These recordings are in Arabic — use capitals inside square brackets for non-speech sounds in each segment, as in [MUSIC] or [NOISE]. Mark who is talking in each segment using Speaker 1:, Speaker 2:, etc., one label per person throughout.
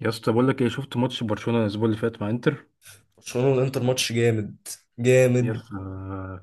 Speaker 1: يا اسطى بقول لك ايه، شفت ماتش برشلونة الاسبوع اللي فات مع انتر؟
Speaker 2: برشلونة والانتر ماتش جامد
Speaker 1: يا
Speaker 2: جامد.
Speaker 1: اسطى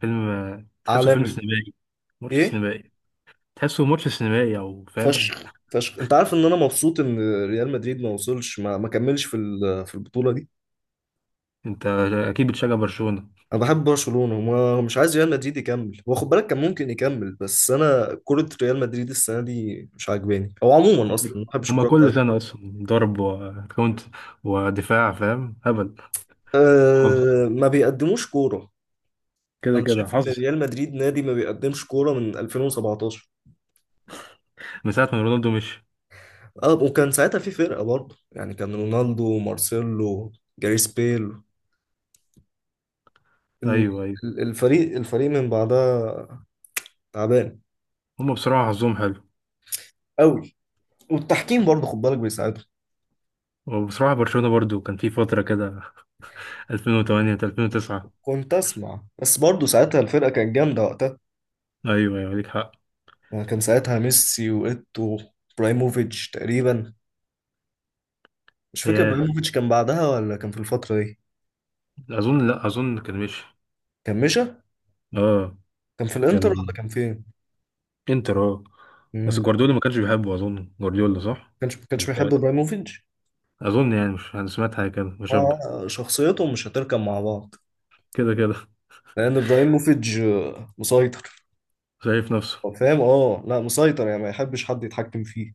Speaker 1: فيلم. تحسه فيلم
Speaker 2: عالمي.
Speaker 1: سينمائي. ماتش
Speaker 2: ايه.
Speaker 1: سينمائي. تحسه ماتش سينمائي او فاهم.
Speaker 2: فشخ فشخ. انت عارف ان انا مبسوط ان ريال مدريد ما وصلش، ما كملش في في البطولة دي.
Speaker 1: [LAUGHS] انت اكيد بتشجع برشلونة.
Speaker 2: انا بحب برشلونة وما مش عايز ريال مدريد يكمل، هو خد بالك كان ممكن يكمل. بس انا كرة ريال مدريد السنة دي مش عاجباني، او عموما اصلا ما بحبش
Speaker 1: هما
Speaker 2: الكورة
Speaker 1: كل
Speaker 2: بتاعتهم.
Speaker 1: سنة اصلا ضرب وكونت ودفاع فاهم هبل. حظ.
Speaker 2: أه ما بيقدموش كورة.
Speaker 1: كده
Speaker 2: انا شايف
Speaker 1: كده
Speaker 2: ان
Speaker 1: حظ.
Speaker 2: ريال مدريد نادي ما بيقدمش كورة من 2017.
Speaker 1: من ساعة ما رونالدو مشي.
Speaker 2: اه وكان ساعتها في فرقة برضه، يعني كان رونالدو ومارسيلو، جاريث بيل. ال-
Speaker 1: ايوه ايوه.
Speaker 2: الفريق من بعدها تعبان
Speaker 1: هما بصراحة حظهم حلو.
Speaker 2: قوي. والتحكيم برضه خد بالك بيساعدهم.
Speaker 1: وبصراحة برشلونة برضو كان في فترة كده. [LAUGHS] 2008 2009.
Speaker 2: كنت اسمع بس برضه ساعتها الفرقه كانت جامده وقتها،
Speaker 1: ايوه ايوه ليك حق.
Speaker 2: يعني كان ساعتها ميسي وايتو، برايموفيتش تقريبا. مش فاكر
Speaker 1: ياه،
Speaker 2: برايموفيتش كان بعدها ولا كان في الفتره دي.
Speaker 1: اظن لا اظن كان مشي.
Speaker 2: كان مشى.
Speaker 1: اه
Speaker 2: كان في الانتر
Speaker 1: كان.
Speaker 2: ولا كان فين؟
Speaker 1: انتر اه. بس
Speaker 2: امم.
Speaker 1: جوارديولا ما كانش بيحبه اظن جوارديولا صح؟
Speaker 2: كانش
Speaker 1: أنا
Speaker 2: كانش بيحب
Speaker 1: متهيألي.
Speaker 2: برايموفيتش.
Speaker 1: اظن يعني، مش انا سمعت حاجه كده مشابه.
Speaker 2: شخصيتهم مش هتركب مع بعض،
Speaker 1: كده كده.
Speaker 2: لان ابراهيموفيتش مسيطر.
Speaker 1: شايف نفسه.
Speaker 2: هو فاهم، اه لا مسيطر يعني ما يحبش حد يتحكم فيه.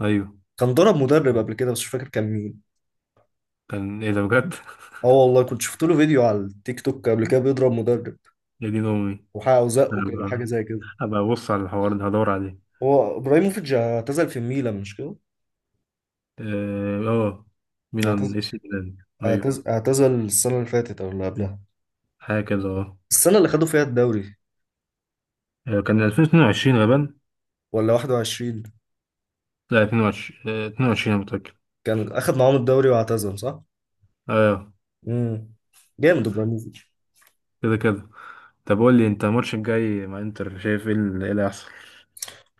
Speaker 1: ايوه.
Speaker 2: كان ضرب مدرب قبل كده بس مش فاكر كان مين.
Speaker 1: كان ايه ده بجد؟
Speaker 2: اه والله كنت شفت له فيديو على التيك توك قبل كده
Speaker 1: [LAUGHS]
Speaker 2: بيضرب مدرب
Speaker 1: يا دين امي.
Speaker 2: وحقه وزقه
Speaker 1: انا
Speaker 2: كده، حاجه
Speaker 1: هبقى،
Speaker 2: زي كده.
Speaker 1: هبقى ابص على الحوار ده هدور عليه.
Speaker 2: هو ابراهيموفيتش اعتزل في الميلان مش كده؟
Speaker 1: اه آه، ميلان
Speaker 2: اعتزل.
Speaker 1: اي سي ميلان. ايوه.
Speaker 2: اعتزل السنه اللي فاتت او اللي قبلها،
Speaker 1: حاجه كده اه.
Speaker 2: السنه اللي خدوا فيها الدوري.
Speaker 1: آه، كان 2022 غالبا.
Speaker 2: ولا 21.
Speaker 1: لا 22، آه، 22 انا متاكد.
Speaker 2: كان اخد معاهم الدوري واعتزل صح.
Speaker 1: اه.
Speaker 2: امم. جامد ابراهيموفيتش.
Speaker 1: كده كده. طب قول لي انت، الماتش الجاي مع انتر شايف ايه اللي إيه اللي هيحصل؟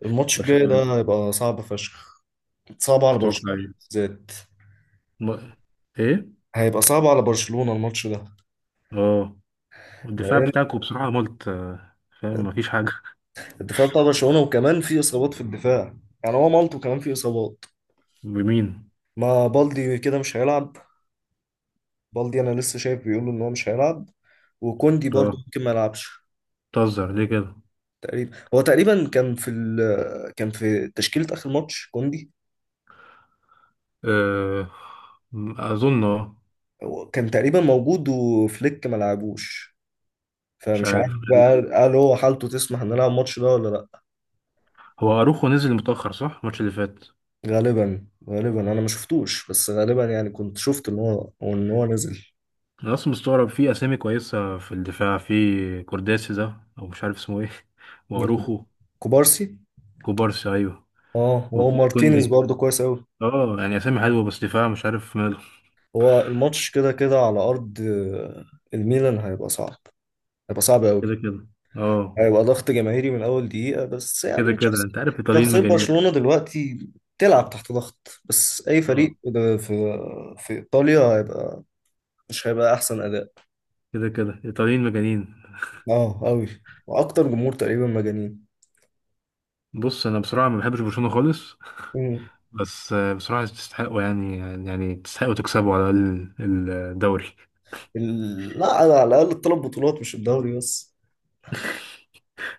Speaker 2: الماتش الجاي
Speaker 1: برشلونه.
Speaker 2: ده هيبقى صعب فشخ، صعب على
Speaker 1: تتوقع
Speaker 2: برشلونه.
Speaker 1: إيه؟
Speaker 2: بالذات.
Speaker 1: م... ايه.
Speaker 2: هيبقى صعب على برشلونه الماتش ده،
Speaker 1: اه، والدفاع
Speaker 2: لان
Speaker 1: بتاعكم بصراحة ملت آه، فاهم مفيش حاجة.
Speaker 2: الدفاع بتاع برشلونة، وكمان في إصابات في الدفاع، يعني هو مالطو كمان في إصابات.
Speaker 1: بمين؟
Speaker 2: ما بالدي كده مش هيلعب، بالدي أنا لسه شايف بيقولوا إن هو مش هيلعب، وكوندي برضه
Speaker 1: اه،
Speaker 2: ممكن ما يلعبش.
Speaker 1: بتهزر ليه كده؟
Speaker 2: تقريبا هو تقريبا كان في كان في تشكيلة آخر ماتش كوندي.
Speaker 1: آه، اظن اه.
Speaker 2: هو كان تقريبا موجود وفليك ما لعبوش،
Speaker 1: مش
Speaker 2: فمش عارف
Speaker 1: عارف، غريب.
Speaker 2: بقى، قال هو حالته تسمح ان نلعب الماتش ده ولا لا.
Speaker 1: هو اروخو نزل متأخر صح الماتش اللي فات؟
Speaker 2: غالبا غالبا انا ما شفتوش، بس غالبا يعني كنت شفت ان هو نزل.
Speaker 1: انا اصلا مستغرب، في اسامي كويسة في الدفاع، في كورداسي ده او مش عارف اسمه ايه. [LAUGHS]
Speaker 2: مين كوب-
Speaker 1: واروخو.
Speaker 2: كوبارسي.
Speaker 1: كوبارسي ايوه.
Speaker 2: اه هو مارتينيز
Speaker 1: وكوندي.
Speaker 2: برضه كويس قوي.
Speaker 1: اه يعني اسامي حلوة بس دفاع مش عارف ماله.
Speaker 2: هو الماتش كده كده على ارض الميلان هيبقى صعب، هيبقى صعب
Speaker 1: كده
Speaker 2: قوي.
Speaker 1: كده. اه.
Speaker 2: هيبقى ضغط جماهيري من اول دقيقة، بس
Speaker 1: كده
Speaker 2: يعني
Speaker 1: كده
Speaker 2: شخص،
Speaker 1: انت عارف الايطاليين
Speaker 2: شخصية
Speaker 1: مجانين.
Speaker 2: برشلونة دلوقتي بتلعب تحت ضغط. بس اي
Speaker 1: اه.
Speaker 2: فريق ده في في ايطاليا هيبقى، مش هيبقى احسن اداء.
Speaker 1: كده كده ايطاليين مجانين.
Speaker 2: اه قوي. واكتر جمهور تقريبا مجانين.
Speaker 1: بص انا بصراحه ما بحبش برشلونه خالص.
Speaker 2: مم.
Speaker 1: بس آه، بصراحه تستحقوا يعني. يعني تستحقوا تكسبوا على الاقل الدوري.
Speaker 2: لا على على الاقل الثلاث بطولات مش الدوري بس.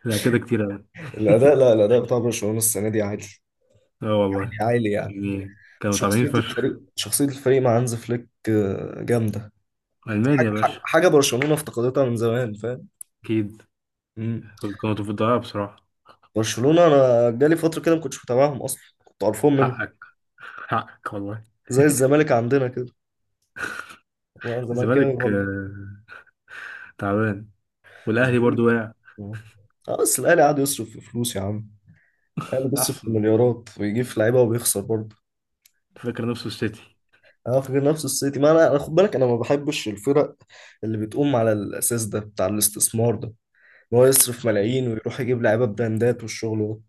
Speaker 1: لا كده كتير أوي.
Speaker 2: الاداء، لا
Speaker 1: [LAUGHS]
Speaker 2: الاداء بتاع برشلونة السنة دي عالي،
Speaker 1: اه والله.
Speaker 2: عالي عالي يعني.
Speaker 1: يعني كانوا طالعين
Speaker 2: شخصية
Speaker 1: فشخ.
Speaker 2: الفريق، شخصية الفريق مع هانز فليك جامدة.
Speaker 1: المانيا يا
Speaker 2: حاجة،
Speaker 1: باشا.
Speaker 2: حاجة برشلونة افتقدتها من زمان فاهم.
Speaker 1: اكيد.
Speaker 2: مم.
Speaker 1: كانوا في الضياع بصراحه.
Speaker 2: برشلونة أنا جالي فترة كده ما كنتش متابعهم أصلا، كنت قرفان منهم.
Speaker 1: حقك. حقك والله.
Speaker 2: زي الزمالك عندنا كده، وأنا زملكاوي
Speaker 1: الزمالك
Speaker 2: برضه.
Speaker 1: آه، تعبان. والاهلي برضو
Speaker 2: الزمالك.
Speaker 1: واقع.
Speaker 2: آه. بس الأهلي قعد يصرف في فلوس يا عم. الأهلي بيصرف في
Speaker 1: احسن.
Speaker 2: مليارات ويجيب في لعيبة وبيخسر برضه.
Speaker 1: فاكر نفسه السيتي.
Speaker 2: أنا فاكر نفس السيتي. ما أنا، خد بالك أنا ما بحبش الفرق اللي بتقوم على الأساس ده بتاع الاستثمار ده، إن هو يصرف ملايين ويروح يجيب لعيبة براندات والشغل ده.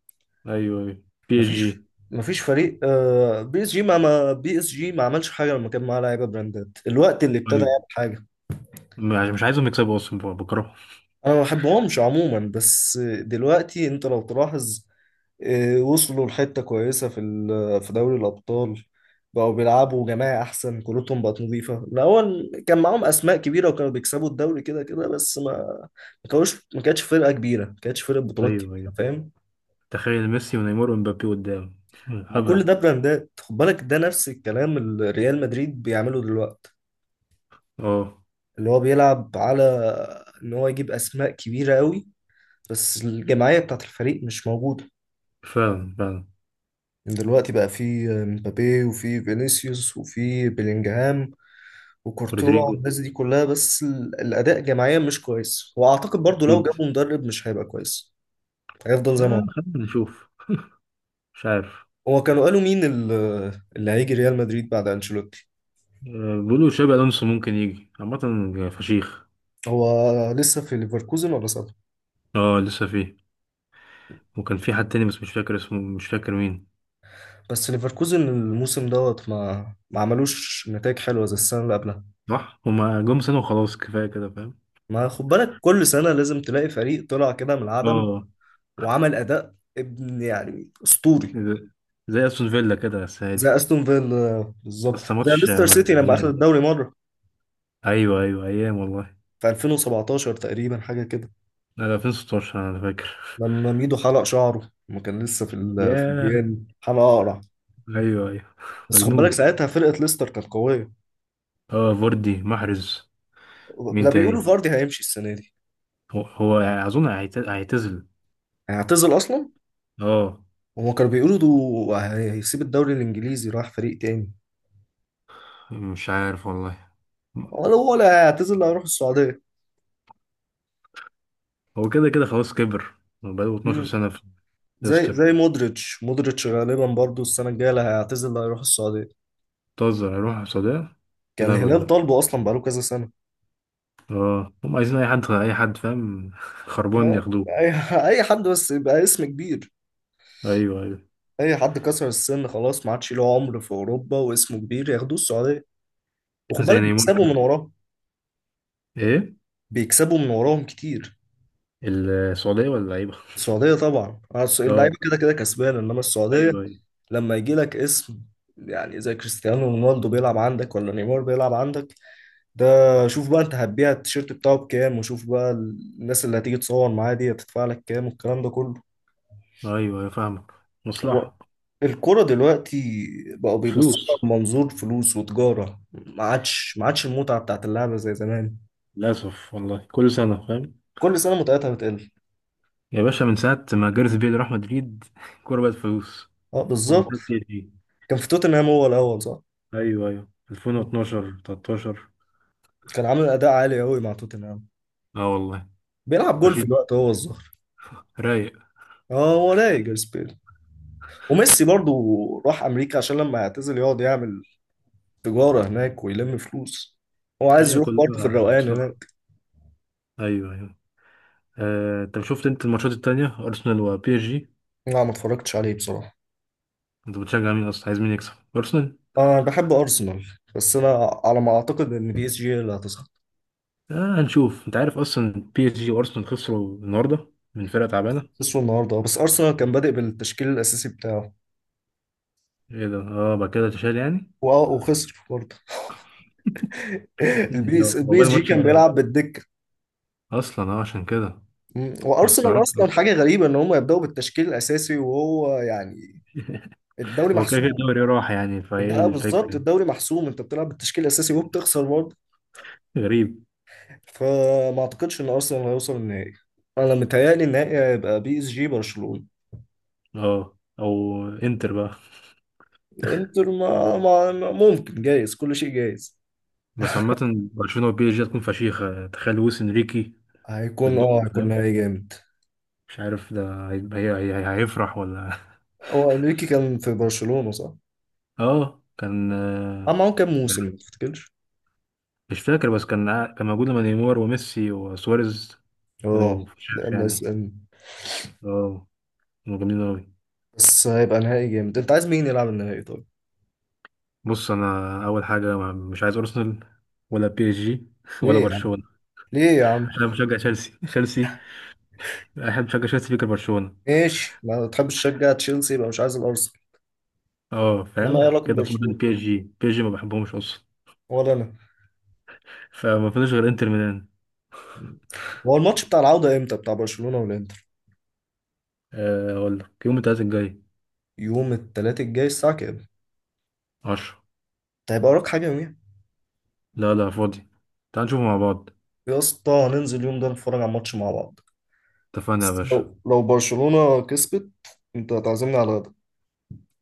Speaker 1: ايوه ايوه. بي اس جي.
Speaker 2: مفيش، مفيش فريق بي اس جي بي اس جي ما عملش حاجه لما كان معاه لعيبه براندات. الوقت اللي ابتدى يعمل
Speaker 1: ايوه.
Speaker 2: حاجه،
Speaker 1: مش عايزهم يكسبوا اصلا بكرههم.
Speaker 2: انا ما بحبهمش عموما، بس دلوقتي انت لو تلاحظ وصلوا لحته كويسه في في دوري الابطال. بقوا بيلعبوا جماعي، احسن كورتهم بقت نظيفه. الاول كان معاهم اسماء كبيره وكانوا بيكسبوا الدوري كده كده، بس ما كانوش ما كانتش فرقه كبيره، ما كانتش فرقه بطولات
Speaker 1: ايوه
Speaker 2: كبيره
Speaker 1: ايوه.
Speaker 2: فاهم.
Speaker 1: تخيل ميسي ونيمار ومبابي قدام. [LAUGHS]
Speaker 2: مع كل
Speaker 1: هبل.
Speaker 2: ده براندات، خد بالك ده نفس الكلام اللي ريال مدريد بيعمله دلوقتي،
Speaker 1: اه.
Speaker 2: اللي هو بيلعب على ان هو يجيب اسماء كبيره قوي، بس الجماعيه بتاعت الفريق مش موجوده.
Speaker 1: فعلا فعلا.
Speaker 2: من دلوقتي بقى في مبابي، وفي فينيسيوس، وفي بيلينجهام، وكورتوا،
Speaker 1: رودريجو.
Speaker 2: والناس دي كلها. بس الاداء جماعيا مش كويس، واعتقد برضو لو
Speaker 1: اكيد.
Speaker 2: جابوا مدرب مش هيبقى كويس، هيفضل زي ما
Speaker 1: آه
Speaker 2: هو.
Speaker 1: خلينا نشوف. مش عارف.
Speaker 2: هو كانوا قالوا مين اللي هيجي ريال مدريد بعد انشيلوتي؟
Speaker 1: آه بيقولوا شابي الونسو ممكن يجي، عامة فشيخ.
Speaker 2: هو لسه في ليفركوزن ولا صدر؟
Speaker 1: اه لسه فيه. وكان في حد تاني بس مش فاكر اسمه، مش فاكر مين.
Speaker 2: بس ليفركوزن الموسم دوت ما عملوش نتائج حلوه زي السنه اللي قبلها.
Speaker 1: صح هما جم سنة وخلاص كفاية كده فاهم.
Speaker 2: ما خد بالك كل سنة لازم تلاقي فريق طلع كده من العدم
Speaker 1: اه.
Speaker 2: وعمل أداء ابن يعني أسطوري.
Speaker 1: زي، زي استون فيلا كده بس
Speaker 2: زي
Speaker 1: عادي.
Speaker 2: أستون فيلا بالظبط،
Speaker 1: بس
Speaker 2: زي
Speaker 1: ماتش
Speaker 2: ليستر
Speaker 1: آه،
Speaker 2: سيتي لما أخذ
Speaker 1: مجنون.
Speaker 2: الدوري مرة
Speaker 1: ايوه ايوه ايام والله.
Speaker 2: في 2017 تقريبا، حاجة كده،
Speaker 1: لا لا 2016 انا فاكر.
Speaker 2: لما ميدو حلق شعره لما كان لسه في
Speaker 1: [LAUGHS]
Speaker 2: في
Speaker 1: ياه.
Speaker 2: الجيان، حلقة أقرع.
Speaker 1: ايوه ايوه.
Speaker 2: بس خد بالك
Speaker 1: مجنون.
Speaker 2: ساعتها فرقة ليستر كانت قوية.
Speaker 1: اه فوردي محرز.
Speaker 2: ده
Speaker 1: مين
Speaker 2: بيقولوا
Speaker 1: تاني؟
Speaker 2: فاردي هيمشي السنة دي،
Speaker 1: هو اظن هيعتزل.
Speaker 2: هيعتزل أصلا.
Speaker 1: اه.
Speaker 2: هما كانوا بيقولوا ده هيسيب الدوري الإنجليزي، راح فريق تاني،
Speaker 1: مش عارف والله.
Speaker 2: ولا هيعتزل، هيروح السعودية.
Speaker 1: هو كده كده خلاص كبر. بقاله 12 سنة في
Speaker 2: زي
Speaker 1: ليستر.
Speaker 2: زي مودريتش، مودريتش غالبا برضو السنة الجاية اللي هيعتزل، اللي هيروح السعودية.
Speaker 1: بتهزر، هيروح السعودية؟ ايه
Speaker 2: كان
Speaker 1: الهبل
Speaker 2: الهلال
Speaker 1: ده؟
Speaker 2: طالبه أصلا بقاله كذا سنة.
Speaker 1: اه هم عايزين اي حد، اي حد فاهم. [LAUGHS] خربان
Speaker 2: يعني
Speaker 1: ياخدوه.
Speaker 2: أي أي حد بس يبقى اسم كبير،
Speaker 1: ايوه ايوه.
Speaker 2: أي حد كسر السن خلاص ما عادش له عمر في أوروبا واسمه كبير، ياخدوه السعودية، وخد
Speaker 1: زي
Speaker 2: بالك
Speaker 1: نيمار
Speaker 2: بيكسبوا
Speaker 1: كده.
Speaker 2: من وراهم.
Speaker 1: ايه،
Speaker 2: بيكسبوا من وراهم كتير.
Speaker 1: السعودية ولا لعيبة؟
Speaker 2: السعودية طبعا، عارف
Speaker 1: اه.
Speaker 2: اللعيبة كده كده كسبانة، إنما السعودية
Speaker 1: ايوه ايوه.
Speaker 2: لما يجي لك اسم، يعني زي كريستيانو رونالدو بيلعب عندك، ولا نيمار بيلعب عندك، ده شوف بقى انت هتبيع التيشيرت بتاعه بكام، وشوف بقى الناس اللي هتيجي تصور معاه دي هتدفع لك كام، والكلام ده كله.
Speaker 1: ايوه أيوة، فاهمك.
Speaker 2: هو
Speaker 1: مصلحة.
Speaker 2: الكرة دلوقتي بقوا بيبصوا لها
Speaker 1: فلوس.
Speaker 2: بمنظور فلوس وتجارة. ما عادش المتعة بتاعت اللعبة زي زمان.
Speaker 1: للأسف والله كل سنة فاهم.
Speaker 2: كل سنة متعتها بتقل.
Speaker 1: يا باشا من ساعة ما جاريث بيل راح مدريد [LAUGHS] الكورة بقت فلوس.
Speaker 2: اه
Speaker 1: هو من
Speaker 2: بالظبط.
Speaker 1: ساعة بي اس جي.
Speaker 2: كان في توتنهام هو الأول صح.
Speaker 1: ايوه ايوه 2012 13.
Speaker 2: كان عامل أداء عالي قوي مع توتنهام،
Speaker 1: اه والله.
Speaker 2: بيلعب جول في
Speaker 1: فشيخ.
Speaker 2: الوقت هو الظهر.
Speaker 1: رايق.
Speaker 2: اه هو رايق جاريث بيل، وميسي برضو راح أمريكا عشان لما يعتزل يقعد يعمل تجارة هناك ويلم فلوس. هو عايز
Speaker 1: هي
Speaker 2: يروح برضه في
Speaker 1: كلها
Speaker 2: الروقان
Speaker 1: مصلحة.
Speaker 2: هناك.
Speaker 1: ايوه ايوه. آه، طب شفت انت الماتشات التانية ارسنال وبي اس جي؟
Speaker 2: لا ما اتفرجتش عليه بصراحة.
Speaker 1: انت بتشجع مين اصلا، عايز مين يكسب، ارسنال؟
Speaker 2: أنا بحب أرسنال، بس أنا على ما أعتقد إن بي إس جي هي اللي هتصعد.
Speaker 1: آه هنشوف. انت عارف اصلا بي اس جي وارسنال خسروا النهارده من فرقة تعبانة.
Speaker 2: خسروا النهاردة بس أرسنال كان بادئ بالتشكيل الأساسي بتاعه،
Speaker 1: ايه ده، اه بعد كده تشال يعني.
Speaker 2: وخسر برضه. [LAUGHS]
Speaker 1: [LAUGHS] هو ده هو
Speaker 2: البي إس
Speaker 1: بقى
Speaker 2: جي
Speaker 1: الماتش
Speaker 2: كان
Speaker 1: الجاي
Speaker 2: بيلعب بالدكة.
Speaker 1: اصلا، اه عشان كده.
Speaker 2: مم.
Speaker 1: انا
Speaker 2: وأرسنال
Speaker 1: استغربت
Speaker 2: أصلا
Speaker 1: اصلا.
Speaker 2: حاجة غريبة إن هم يبدأوا بالتشكيل الأساسي وهو يعني الدوري
Speaker 1: هو كده كده
Speaker 2: محسوم.
Speaker 1: الدوري راح يعني فايه
Speaker 2: ده بالظبط،
Speaker 1: الفكرة.
Speaker 2: الدوري محسوم، أنت بتلعب بالتشكيل الأساسي وبتخسر.
Speaker 1: غريب.
Speaker 2: فما اعتقدش ان ارسنال هيوصل النهائي. انا متهيألي النهائي هيبقى بي اس جي برشلونة.
Speaker 1: اه او انتر بقى.
Speaker 2: انتر ممكن جايز، كل شيء جايز.
Speaker 1: بس عامة برشلونة وبي اس جي هتكون فشيخة، تخيل لويس انريكي ضدكوا
Speaker 2: هيكون
Speaker 1: فاهم.
Speaker 2: نهائي جامد.
Speaker 1: مش عارف ده هيبقى، هيفرح ولا.
Speaker 2: هو انريكي كان في برشلونة صح؟
Speaker 1: [LAUGHS] اه كان آه،
Speaker 2: عمل معاهم كام موسم ما تفتكرش؟
Speaker 1: مش فاكر. بس كان موجود لما نيمار وميسي وسواريز كانوا
Speaker 2: اه
Speaker 1: فشيخ
Speaker 2: لما اس
Speaker 1: يعني.
Speaker 2: ان.
Speaker 1: اه. كانوا جامدين اوي.
Speaker 2: بس هيبقى نهائي جامد. انت عايز مين يلعب النهائي طيب؟
Speaker 1: بص انا اول حاجة مش عايز ارسنال. ولا بي اس جي. [LAUGHS] ولا
Speaker 2: ليه يا عم؟
Speaker 1: برشلونة.
Speaker 2: ليه يا عم؟
Speaker 1: عشان أنا بشجع تشيلسي. تشيلسي احب، بشجع تشيلسي فيك برشلونة.
Speaker 2: ماشي، ما تحبش تشجع تشيلسي يبقى مش عايز الارسنال،
Speaker 1: اه
Speaker 2: انما ايه
Speaker 1: فاهم
Speaker 2: علاقة
Speaker 1: كده، فاضل
Speaker 2: برشلونة؟
Speaker 1: بي اس جي. بي اس جي ما بحبهمش اصلا.
Speaker 2: ولا انا.
Speaker 1: فما فيش غير انتر ميلان.
Speaker 2: هو الماتش بتاع العودة امتى بتاع برشلونة والانتر؟
Speaker 1: آه، اقول لك يوم التلاتة الجاي.
Speaker 2: يوم التلات الجاي الساعة كام؟
Speaker 1: عشرة.
Speaker 2: انت هيبقى وراك حاجة يوميها؟
Speaker 1: لا لا فاضي. تعال نشوفه مع بعض.
Speaker 2: يا اسطى هننزل اليوم ده نتفرج على ماتش مع بعض.
Speaker 1: اتفقنا يا
Speaker 2: بس
Speaker 1: باشا.
Speaker 2: لو لو برشلونة كسبت انت هتعزمني على غدا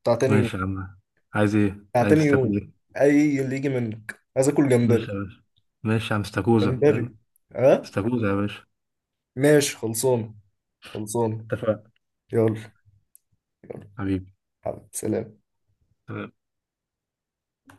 Speaker 2: بتاع تاني يوم،
Speaker 1: ماشي يا عم. عايز ايه،
Speaker 2: بتاع تاني
Speaker 1: عايز تاكل
Speaker 2: يوم،
Speaker 1: ايه؟
Speaker 2: اي اللي يجي منك، عايز اكل جمبري.
Speaker 1: ماشي يا باشا. ماشي يا عم. استاكوزا
Speaker 2: جمبري.
Speaker 1: فاهم.
Speaker 2: ها؟
Speaker 1: استاكوزا يا باشا.
Speaker 2: ماشي، خلصانة خلصانة.
Speaker 1: اتفقنا.
Speaker 2: يلا يلا.
Speaker 1: حبيبي.
Speaker 2: حبيبي سلام.